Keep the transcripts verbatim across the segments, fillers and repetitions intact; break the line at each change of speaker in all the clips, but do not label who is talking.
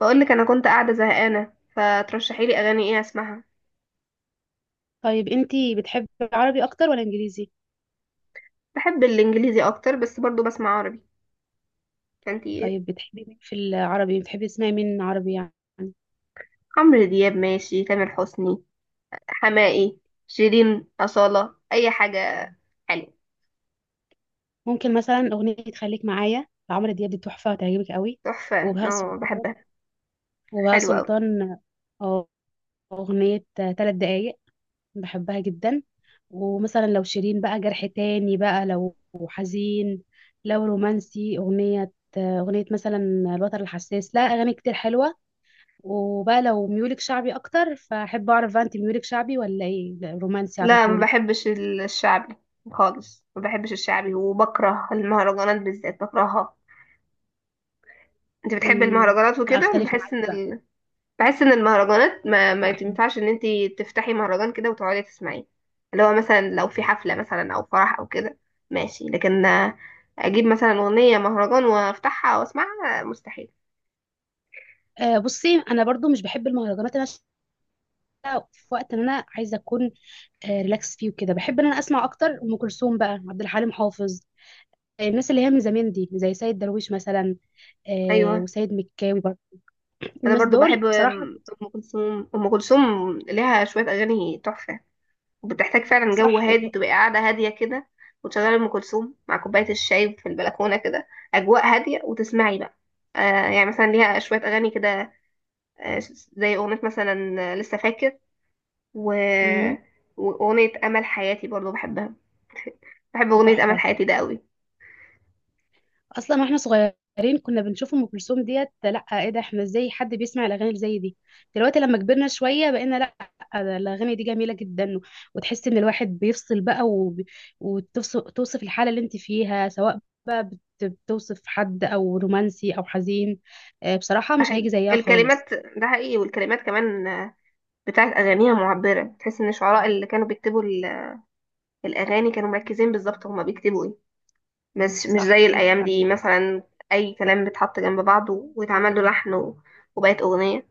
بقول لك انا كنت قاعده زهقانه فترشحي لي اغاني ايه اسمعها.
طيب، انتي بتحبي عربي اكتر ولا انجليزي؟
بحب الانجليزي اكتر بس برضو بسمع عربي فانتي.
طيب، بتحبي مين في العربي بتحبي تسمعي مين عربي يعني؟
عمرو دياب ماشي، تامر حسني، حماقي، شيرين، أصالة، اي حاجه حلوه.
ممكن مثلا اغنية خليك معايا لعمرو دياب، دي تحفة هتعجبك قوي.
تحفه،
وبهاء
اه
سلطان
بحبها.
وبهاء
حلوه قوي.
سلطان اه، اغنية ثلاث دقايق بحبها جدا. ومثلا لو شيرين بقى جرح تاني، بقى لو حزين، لو رومانسي اغنية اغنية مثلا الوتر الحساس، لا اغاني كتير حلوة. وبقى لو ميولك شعبي اكتر فاحب اعرف بقى، انت ميولك شعبي ولا ايه؟ لا، رومانسي على
لا ما
طول.
بحبش ال- الشعبي خالص، ما بحبش الشعبي، وبكره المهرجانات بالذات بكرهها. انت بتحب
امم
المهرجانات وكده،
اختلف
بحس
معاكي بقى.
ان بحس ان المهرجانات ما, ما
بحب.
تنفعش ان انتي تفتحي مهرجان كده وتقعدي تسمعيه. اللي هو مثلا لو في حفلة مثلا او فرح او كده ماشي، لكن آه، اجيب مثلا اغنية مهرجان وافتحها واسمعها، آه، مستحيل.
آه بصي، انا برضو مش بحب المهرجانات، انا شايفة في وقت ان انا عايزه اكون آه ريلاكس فيه وكده، بحب ان انا اسمع اكتر ام كلثوم بقى، عبد الحليم حافظ. آه، الناس اللي هي من زمان دي زي سيد درويش مثلا، آه
ايوه،
وسيد مكاوي برضه،
انا
الناس
برضو
دول
بحب
بصراحه.
ام أم كلثوم ام كلثوم ليها شوية اغاني تحفة، وبتحتاج فعلا جو
صح.
هادي،
وب...
تبقى قاعدة هادية كده وتشغلي ام كلثوم مع كوباية الشاي في البلكونة كده، اجواء هادية وتسمعي بقى. آه، يعني مثلا ليها شوية اغاني كده، آه، زي أغنية مثلا، آه، لسه فاكر و...
مم،
وأغنية أمل حياتي برضو بحبها، بحب أغنية أمل
تحفه.
حياتي ده قوي.
اصلا واحنا صغيرين كنا بنشوف ام كلثوم، ديت لا ايه ده؟ احنا ازاي حد بيسمع الاغاني اللي زي دي؟ دلوقتي لما كبرنا شويه بقينا لا، ده الاغاني دي جميله جدا. وتحس ان الواحد بيفصل بقى وب... وتوصف توصف الحاله اللي انت فيها، سواء بقى بت... بتوصف حد، او رومانسي، او حزين. آه، بصراحه
ده
مش
حقيقي
هيجي زيها خالص.
الكلمات، ده حقيقي، والكلمات كمان آه، بتاعت أغانيها معبرة، تحس إن الشعراء اللي كانوا بيكتبوا ال- الأغاني كانوا مركزين بالظبط هما بيكتبوا إيه، مش مش زي
صح عندك
الأيام
حق.
دي مثلا. أي كلام بيتحط جنب بعضه ويتعمل له لحن و- وبقت أغنية.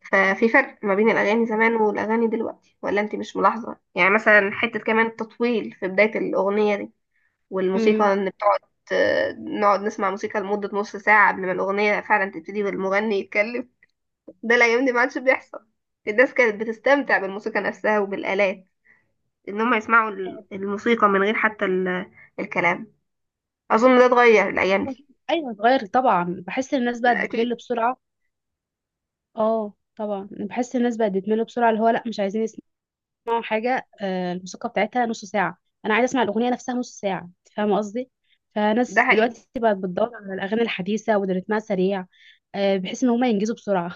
ففي فرق ما بين الأغاني زمان والأغاني دلوقتي، ولا أنت مش ملاحظة؟ يعني مثلا حتة كمان التطويل في بداية الأغنية دي والموسيقى،
امم
ان بتقعد نقعد نسمع موسيقى لمدة نص ساعة قبل ما الأغنية فعلا تبتدي والمغني يتكلم. ده الأيام دي ما عادش بيحصل. الناس كانت بتستمتع بالموسيقى نفسها وبالآلات، إن هم يسمعوا ال- الموسيقى من غير حتى ال- الكلام. أظن ده اتغير الأيام دي.
ايوه اتغير طبعا، بحس ان الناس بقت
ده
بتمل
أكيد.
بسرعه. اه طبعا بحس الناس بقت بتمل بسرعه، اللي هو لا مش عايزين بسمعوا حاجة. آه، الموسيقى بتاعتها نص ساعة، أنا عايزة أسمع الأغنية نفسها نص ساعة، أنت فاهمة قصدي؟
ده
فناس
حقيقي.
دلوقتي بقت بتدور على الأغاني الحديثة واللي رتمها سريع، آه، بحيث إن هما ينجزوا بسرعة.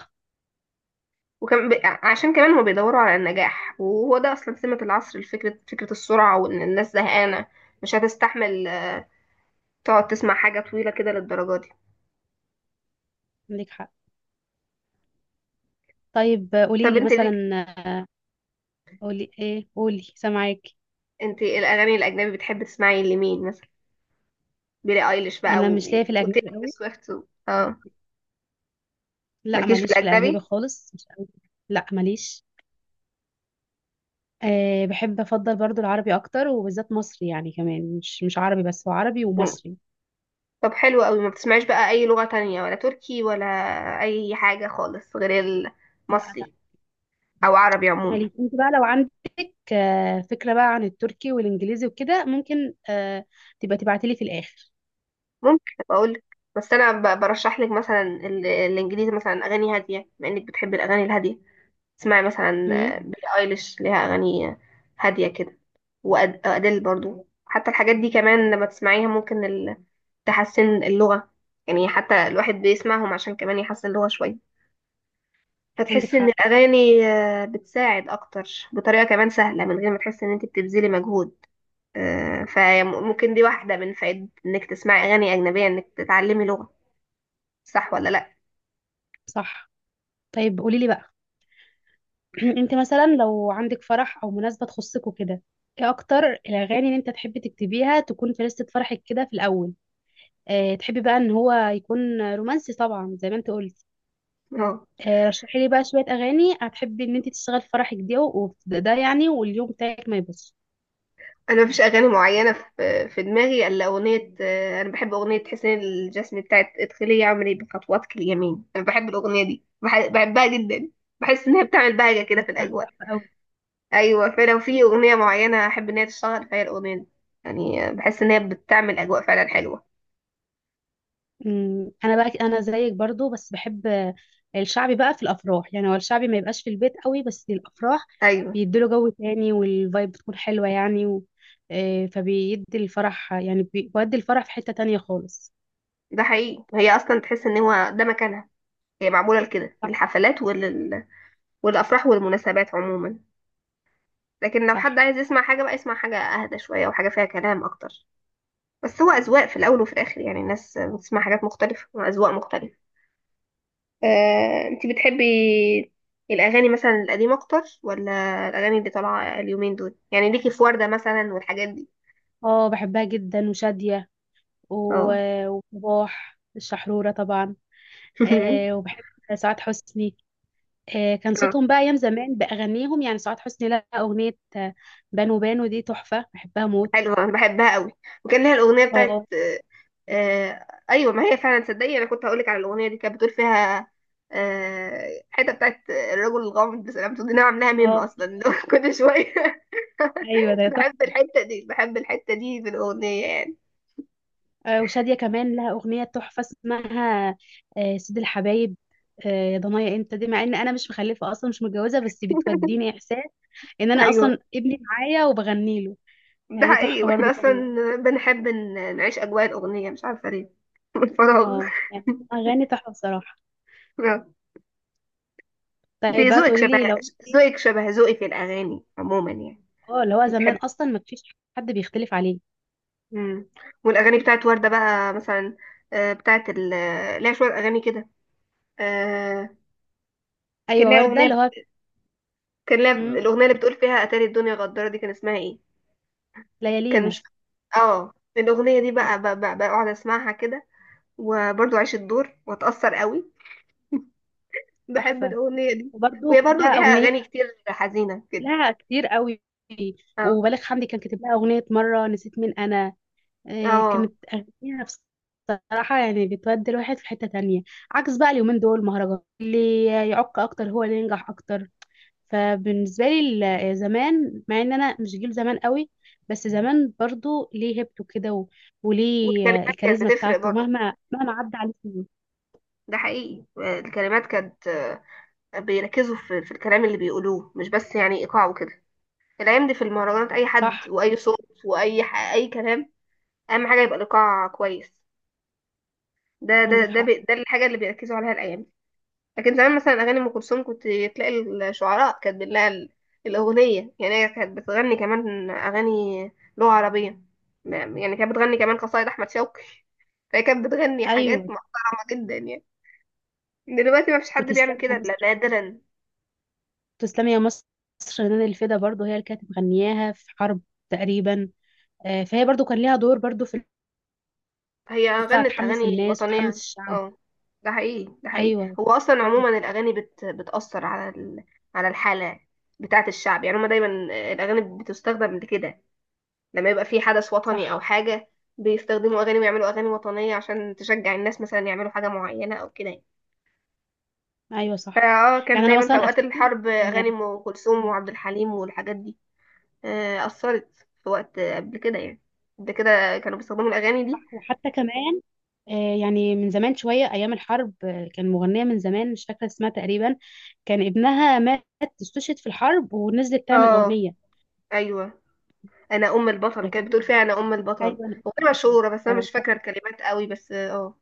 وكم ب... عشان كمان هما بيدوروا على النجاح، وهو ده أصلا سمة العصر، الفكرة فكرة السرعة، وإن الناس زهقانة مش هتستحمل تقعد تسمع حاجة طويلة كده للدرجة دي.
عندك حق. طيب آه، قولي
طب
لي
انت ليك،
مثلا. آه، قولي إيه؟ قولي، سامعاك.
انت ايه الاغاني الاجنبي بتحبي تسمعي لمين مثلا؟ بيلي ايليش بقى
أنا مش
و...
ليا في الأجنبي
وتيلر
قوي.
سويفت و... اه.
لا
مالكيش في
ماليش في الأجنبي
الاجنبي.
خالص، مش قوي. لا ماليش. أه بحب أفضل برضو العربي أكتر وبالذات مصري، يعني كمان مش مش عربي بس، هو عربي
مم.
ومصري.
طب حلو قوي، ما بتسمعيش بقى اي لغة تانية، ولا تركي ولا اي حاجة خالص غير
لا.
المصري او عربي عموما؟
خليج انت بقى لو عندك آه، فكرة بقى عن التركي والانجليزي وكده، ممكن آه، تبقى تبعتي لي في الاخر.
ممكن اقول، بس انا ب... برشح لك مثلا ال... الانجليزي، مثلا اغاني هادية بما انك بتحبي الاغاني الهادية. اسمعي مثلا
امم
آه، بيلي ايليش ليها اغاني هادية كده، وأد- وأديل برضو، حتى الحاجات دي كمان لما تسمعيها ممكن تحسن اللغة. يعني حتى الواحد بيسمعهم عشان كمان يحسن اللغة شوية،
عندك
فتحس ان
حق.
الاغاني آه، بتساعد اكتر بطريقة كمان سهلة من غير ما تحس ان انت بتبذلي مجهود. آه، فممكن دي واحدة من فائدة انك تسمعي اغاني اجنبية، انك تتعلمي لغة. صح ولا لا؟
صح. طيب قولي لي بقى. انت مثلا لو عندك فرح او مناسبة تخصك وكده، ايه اكتر الاغاني اللي انت تحبي تكتبيها تكون في لستة فرحك كده في الاول؟ اه، تحبي بقى ان هو يكون رومانسي طبعا زي ما انت قلتي.
اه،
اه رشحي لي بقى شوية اغاني هتحبي ان انت تشتغل في فرحك دي، وده يعني واليوم بتاعك ما يبصش.
انا مفيش اغاني معينة في في دماغي الا اغنية، آه، انا بحب اغنية حسين الجسمي بتاعت ادخلي يا عمري بخطواتك اليمين. انا بحب الاغنية دي بح- بحبها جدا. بحس ان هي بتعمل بهجة كده
هي
في
بصراحة
الاجواء.
تحفة قوي.
ايوه، فلو في اغنيه معينه احب ان هي تشتغل فهي الاغنيه دي. يعني بحس ان هي بتعمل اجواء فعلا حلوه.
مم، انا بقى، انا زيك برضو، بس بحب آه، الشعبي بقى في الافراح، يعني هو الشعبي ما يبقاش في البيت قوي بس الافراح
ايوه،
بيديله جو تاني والفايب بتكون حلوه يعني. و... آه، فبيدي الفرح، يعني بي- بيودي الفرح في حته تانية خالص.
ده حقيقي. هي اصلا تحس ان هو ده مكانها، هي معموله لكده،
صح.
للحفلات ولل... والافراح والمناسبات عموما. لكن لو
صح.
حد عايز يسمع حاجه بقى، يسمع حاجه اهدى شويه وحاجه فيها كلام اكتر. بس هو اذواق في الاول وفي الاخر، يعني الناس بتسمع حاجات مختلفه واذواق مختلفه. آه، انت بتحبي الاغاني مثلا القديمه اكتر، ولا الاغاني اللي طالعه اليومين دول؟ يعني ليكي في ورده مثلا والحاجات دي.
اه بحبها جدا، وشاديه
اه
و- وصباح الشحروره طبعا. آه، وبحب سعاد حسني. آه، كان
اه،
صوتهم بقى ايام زمان باغانيهم، يعني سعاد حسني لها اغنيه، آه، بانو بانو دي تحفه بحبها موت.
حلوة انا بحبها قوي. وكان لها الاغنية بتاعت
اه.
آه، آه، ايوه ما هي فعلا. تصدقي انا كنت هقولك على الاغنية دي؟ كانت بتقول فيها، آه حتة بتاعت الرجل الغامض سلامته دي، انا عاملاها ميم
اه.
اصلا لو كل شوية.
ايوه ده
بحب
تحفه.
الحتة دي، بحب الحتة دي في الاغنية يعني.
آه، وشاديه كمان لها اغنيه تحفه اسمها آه، سيد الحبايب، آه، يا ضنايا انت، دي مع ان انا مش مخلفه اصلا، مش متجوزه، بس بتوديني احساس ان انا اصلا
ايوه
ابني معايا وبغني له.
ده
يعني دي
حقيقي،
تحفه برضو
واحنا اصلا
كمان.
بنحب ن- نعيش اجواء الاغنية، مش عارفة ليه. من الفراغ.
اه يعني اغاني تحفه بصراحه.
آه.
طيب
دي
بقى
ذوقك
تقولي
شبه،
لي، لو
ذوقك شبه ذوقي في الاغاني عموما يعني.
اه اللي هو زمان اصلا ما فيش حد بيختلف عليه.
مم. والاغاني بتاعت وردة بقى مثلا، آه، بتاعت ال آه، ليها شوية اغاني كده، آه، كان
ايوه
لها
ورده
اغنية.
اللي هو
كان لها
مم،
الاغنية اللي بتقول فيها اتاري الدنيا غدارة دي، كان اسمها ايه؟ كان
ليالينا.
مش، اه الاغنية دي بقى
مم،
ب- ب- بقعد اسمعها كده، وبرضو اعيش الدور واتأثر قوي. بحب
تحفه.
الاغنية دي.
وبرضو
وهي
كان
برضو
لها
ليها
اغنيه.
اغاني كتير حزينة كده.
لا كتير قوي.
اه.
وبالغ حمدي كان كاتب لها اغنيه، مره نسيت مين انا، آه،
اه.
كانت اغنيه بصراحه يعني بتودي الواحد في حته تانية. عكس بقى اليومين دول مهرجان اللي يعق اكتر هو اللي ينجح اكتر، فبالنسبه لي ال- زمان، مع ان انا مش جيل زمان قوي، بس زمان برضو ليه هيبته كده و- وليه آه،
والكلمات كانت
الكاريزما
بتفرق
بتاعته،
برضو،
مهما مهما عدى عليه سنين.
ده حقيقي. آه، الكلمات كانت آه، بيركزوا في في الكلام اللي بيقولوه، مش بس يعني ايقاع وكده. الايام دي في المهرجانات اي حد
صح
واي صوت واي ح... اي كلام، اهم حاجه يبقى الايقاع كويس. ده ده
عندك
ده
حق.
بي... ده الحاجه اللي بيركزوا عليها الايام دي. لكن زمان مثلا اغاني ام كلثوم كنت تلاقي الشعراء كاتبين لها ال- الاغنيه، يعني هي كانت بتغني كمان اغاني لغه عربيه، ما- يعني كانت بتغني كمان قصايد احمد شوقي. فهي كانت بتغني حاجات
ايوه،
محترمه جدا يعني. دلوقتي ما فيش حد بيعمل
وتسلم يا
كده الا
مصر،
نادرا.
تسلمي يا مصر، رنان الفدا برضو هي اللي كانت مغنياها في حرب تقريبا، آه، فهي برضو كان ليها دور برضو في
هي
إن تطلع
غنت
تحمس
اغاني
الناس وتحمس
وطنيه.
الشعب.
اه، ده حقيقي، ده حقيقي.
ايوه
هو اصلا
كتير.
عموما الاغاني بت... بتاثر على ال... على الحاله بتاعه الشعب، يعني هما دايما الاغاني بتستخدم لكده، لما يبقى في حدث وطني او
صح.
حاجه بيستخدموا اغاني ويعملوا اغاني وطنيه عشان تشجع الناس مثلا يعملوا حاجه معينه او كده يعني.
ايوه صح،
فاه كان
يعني انا
دايما في
مثلا
اوقات
افتكر
الحرب اغاني
ان
ام كلثوم وعبد الحليم والحاجات دي، آه، اثرت في وقت قبل كده يعني، قبل كده كانوا بيستخدموا الاغاني دي.
صح، وحتى كمان آه، يعني من زمان شويه، ايام الحرب آه، كان مغنيه من زمان مش فاكره اسمها تقريبا، كان ابنها مات، استشهد في الحرب، ونزلت تعمل
اه،
اغنيه
ايوه، انا ام البطل كانت
فكانت،
بتقول فيها انا ام البطل.
ايوه أنا-
اغنيه
أفتكرها.
مشهوره بس انا
اه
مش
صح.
فاكره الكلمات قوي، بس اه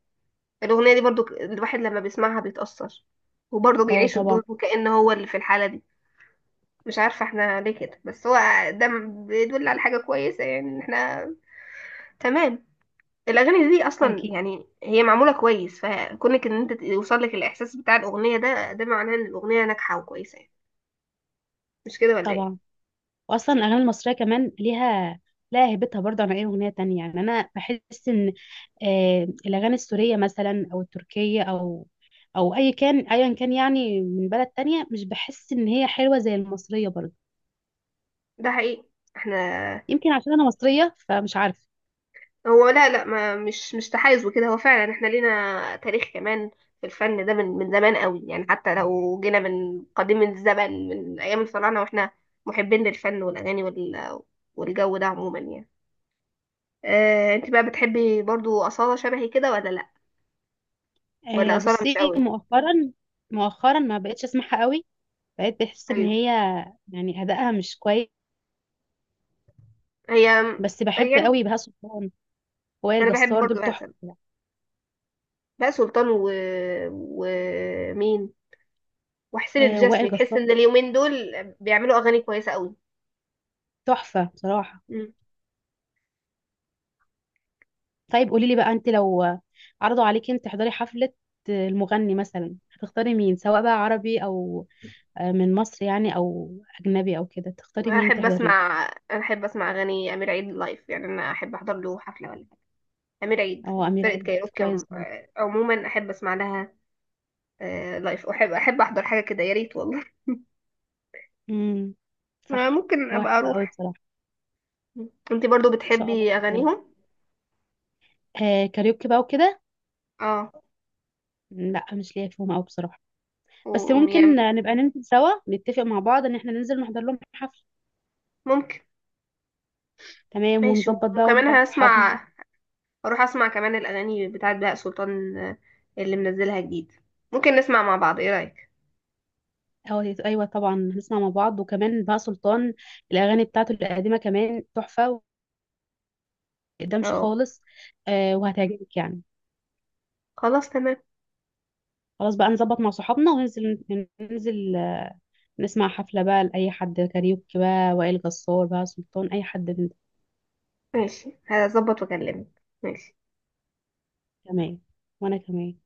الاغنيه دي برضو ك- الواحد لما بيسمعها بيتاثر، وبرضو
اه
بيعيش الدور
طبعا.
وكأن هو اللي في الحاله دي. مش عارفه احنا ليه كده، بس هو ده م- بيدل على حاجه كويسه، يعني ان احنا تمام. الاغاني دي اصلا
اكيد.
يعني هي معموله كويس، فكونك ان انت يوصل لك الاحساس بتاع الاغنيه ده، ده معناه ان الاغنيه ناجحه وكويسه يعني. مش كده ولا ايه؟
طبعا واصلا الاغاني المصريه كمان ليها لها هيبتها برضه عن اي اغنيه تانية، يعني انا بحس ان آه الاغاني السوريه مثلا، او التركيه، او او اي كان ايا كان يعني من بلد تانية، مش بحس ان هي حلوه زي المصريه برضه.
ده حقيقي. احنا،
يمكن عشان انا مصريه فمش عارفه.
هو لا لا، ما مش مش تحيز وكده. هو فعلا احنا لينا تاريخ كمان في الفن ده، من من زمان قوي يعني، حتى لو جينا من قديم الزمن من ايام الفراعنه واحنا محبين للفن والاغاني وال والجو ده عموما يعني. اه، انت بقى بتحبي برضو اصاله شبهي كده ولا لا؟ ولا
آه
اصاله مش
بصي،
قوي.
مؤخرا مؤخرا ما بقتش اسمعها قوي، بقيت بحس ان
ايوه.
هي يعني ادائها مش كويس.
هي.
بس بحب
يعني
قوي بهاء سلطان، وائل
انا بحب
جسار
برضو
دول
بقى سلمى
تحفه.
بقى سلطان و... ومين، وحسين
آه وائل
الجسمي، تحس
جسار
ان اليومين دول بيعملوا اغاني كويسه قوي.
تحفه بصراحه. طيب قولي لي بقى، انت لو عرضوا عليكي انت تحضري حفلة، المغني مثلا هتختاري مين؟ سواء بقى عربي او آه، من مصر يعني، او اجنبي او كده، تختاري مين
احب
تحضري؟
اسمع، احب اسمع اغاني امير عيد لايف. يعني انا احب احضر له حفله ولا حاجه. امير عيد،
له، او امير
فرقه
عيد
كايروكي
كويس
عم...
برضه.
آه، عموما احب اسمع لها آه، لايف. احب احب احضر حاجه كده، يا ريت والله.
امم
آه،
صح،
ممكن
هو
ابقى
حلو قوي
اروح.
بصراحة.
انت برضو
ان شاء الله
بتحبي
تختاري.
اغانيهم؟
آه كاريوكي بقى وكده،
اه،
لا مش ليا فيهم قوي بصراحة،
و-
بس
وميام.
ممكن آه، نبقى ننزل سوا، نتفق مع بعض ان احنا ننزل نحضر لهم حفلة.
ممكن.
تمام،
ماشي،
ونظبط بقى
وكمان
ونبعت صحابنا.
هسمع، اروح اسمع كمان الاغاني بتاعت بهاء سلطان، آه، اللي منزلها جديد. ممكن نسمع مع بعض، ايه رايك؟
اه ايوه طبعا هنسمع مع بعض، وكمان بقى سلطان الاغاني بتاعته القديمه كمان تحفه، ومقدمش
اه،
خالص، آه وهتعجبك يعني.
خلاص تمام.
خلاص بقى، نظبط مع صحابنا وننزل، ننزل آه، نسمع حفله بقى لاي حد، كاريوكي، بقى وائل جسار، بقى سلطان، اي حد من-
ماشي هظبط واكلمك. ماشي.
تمام، وانا كمان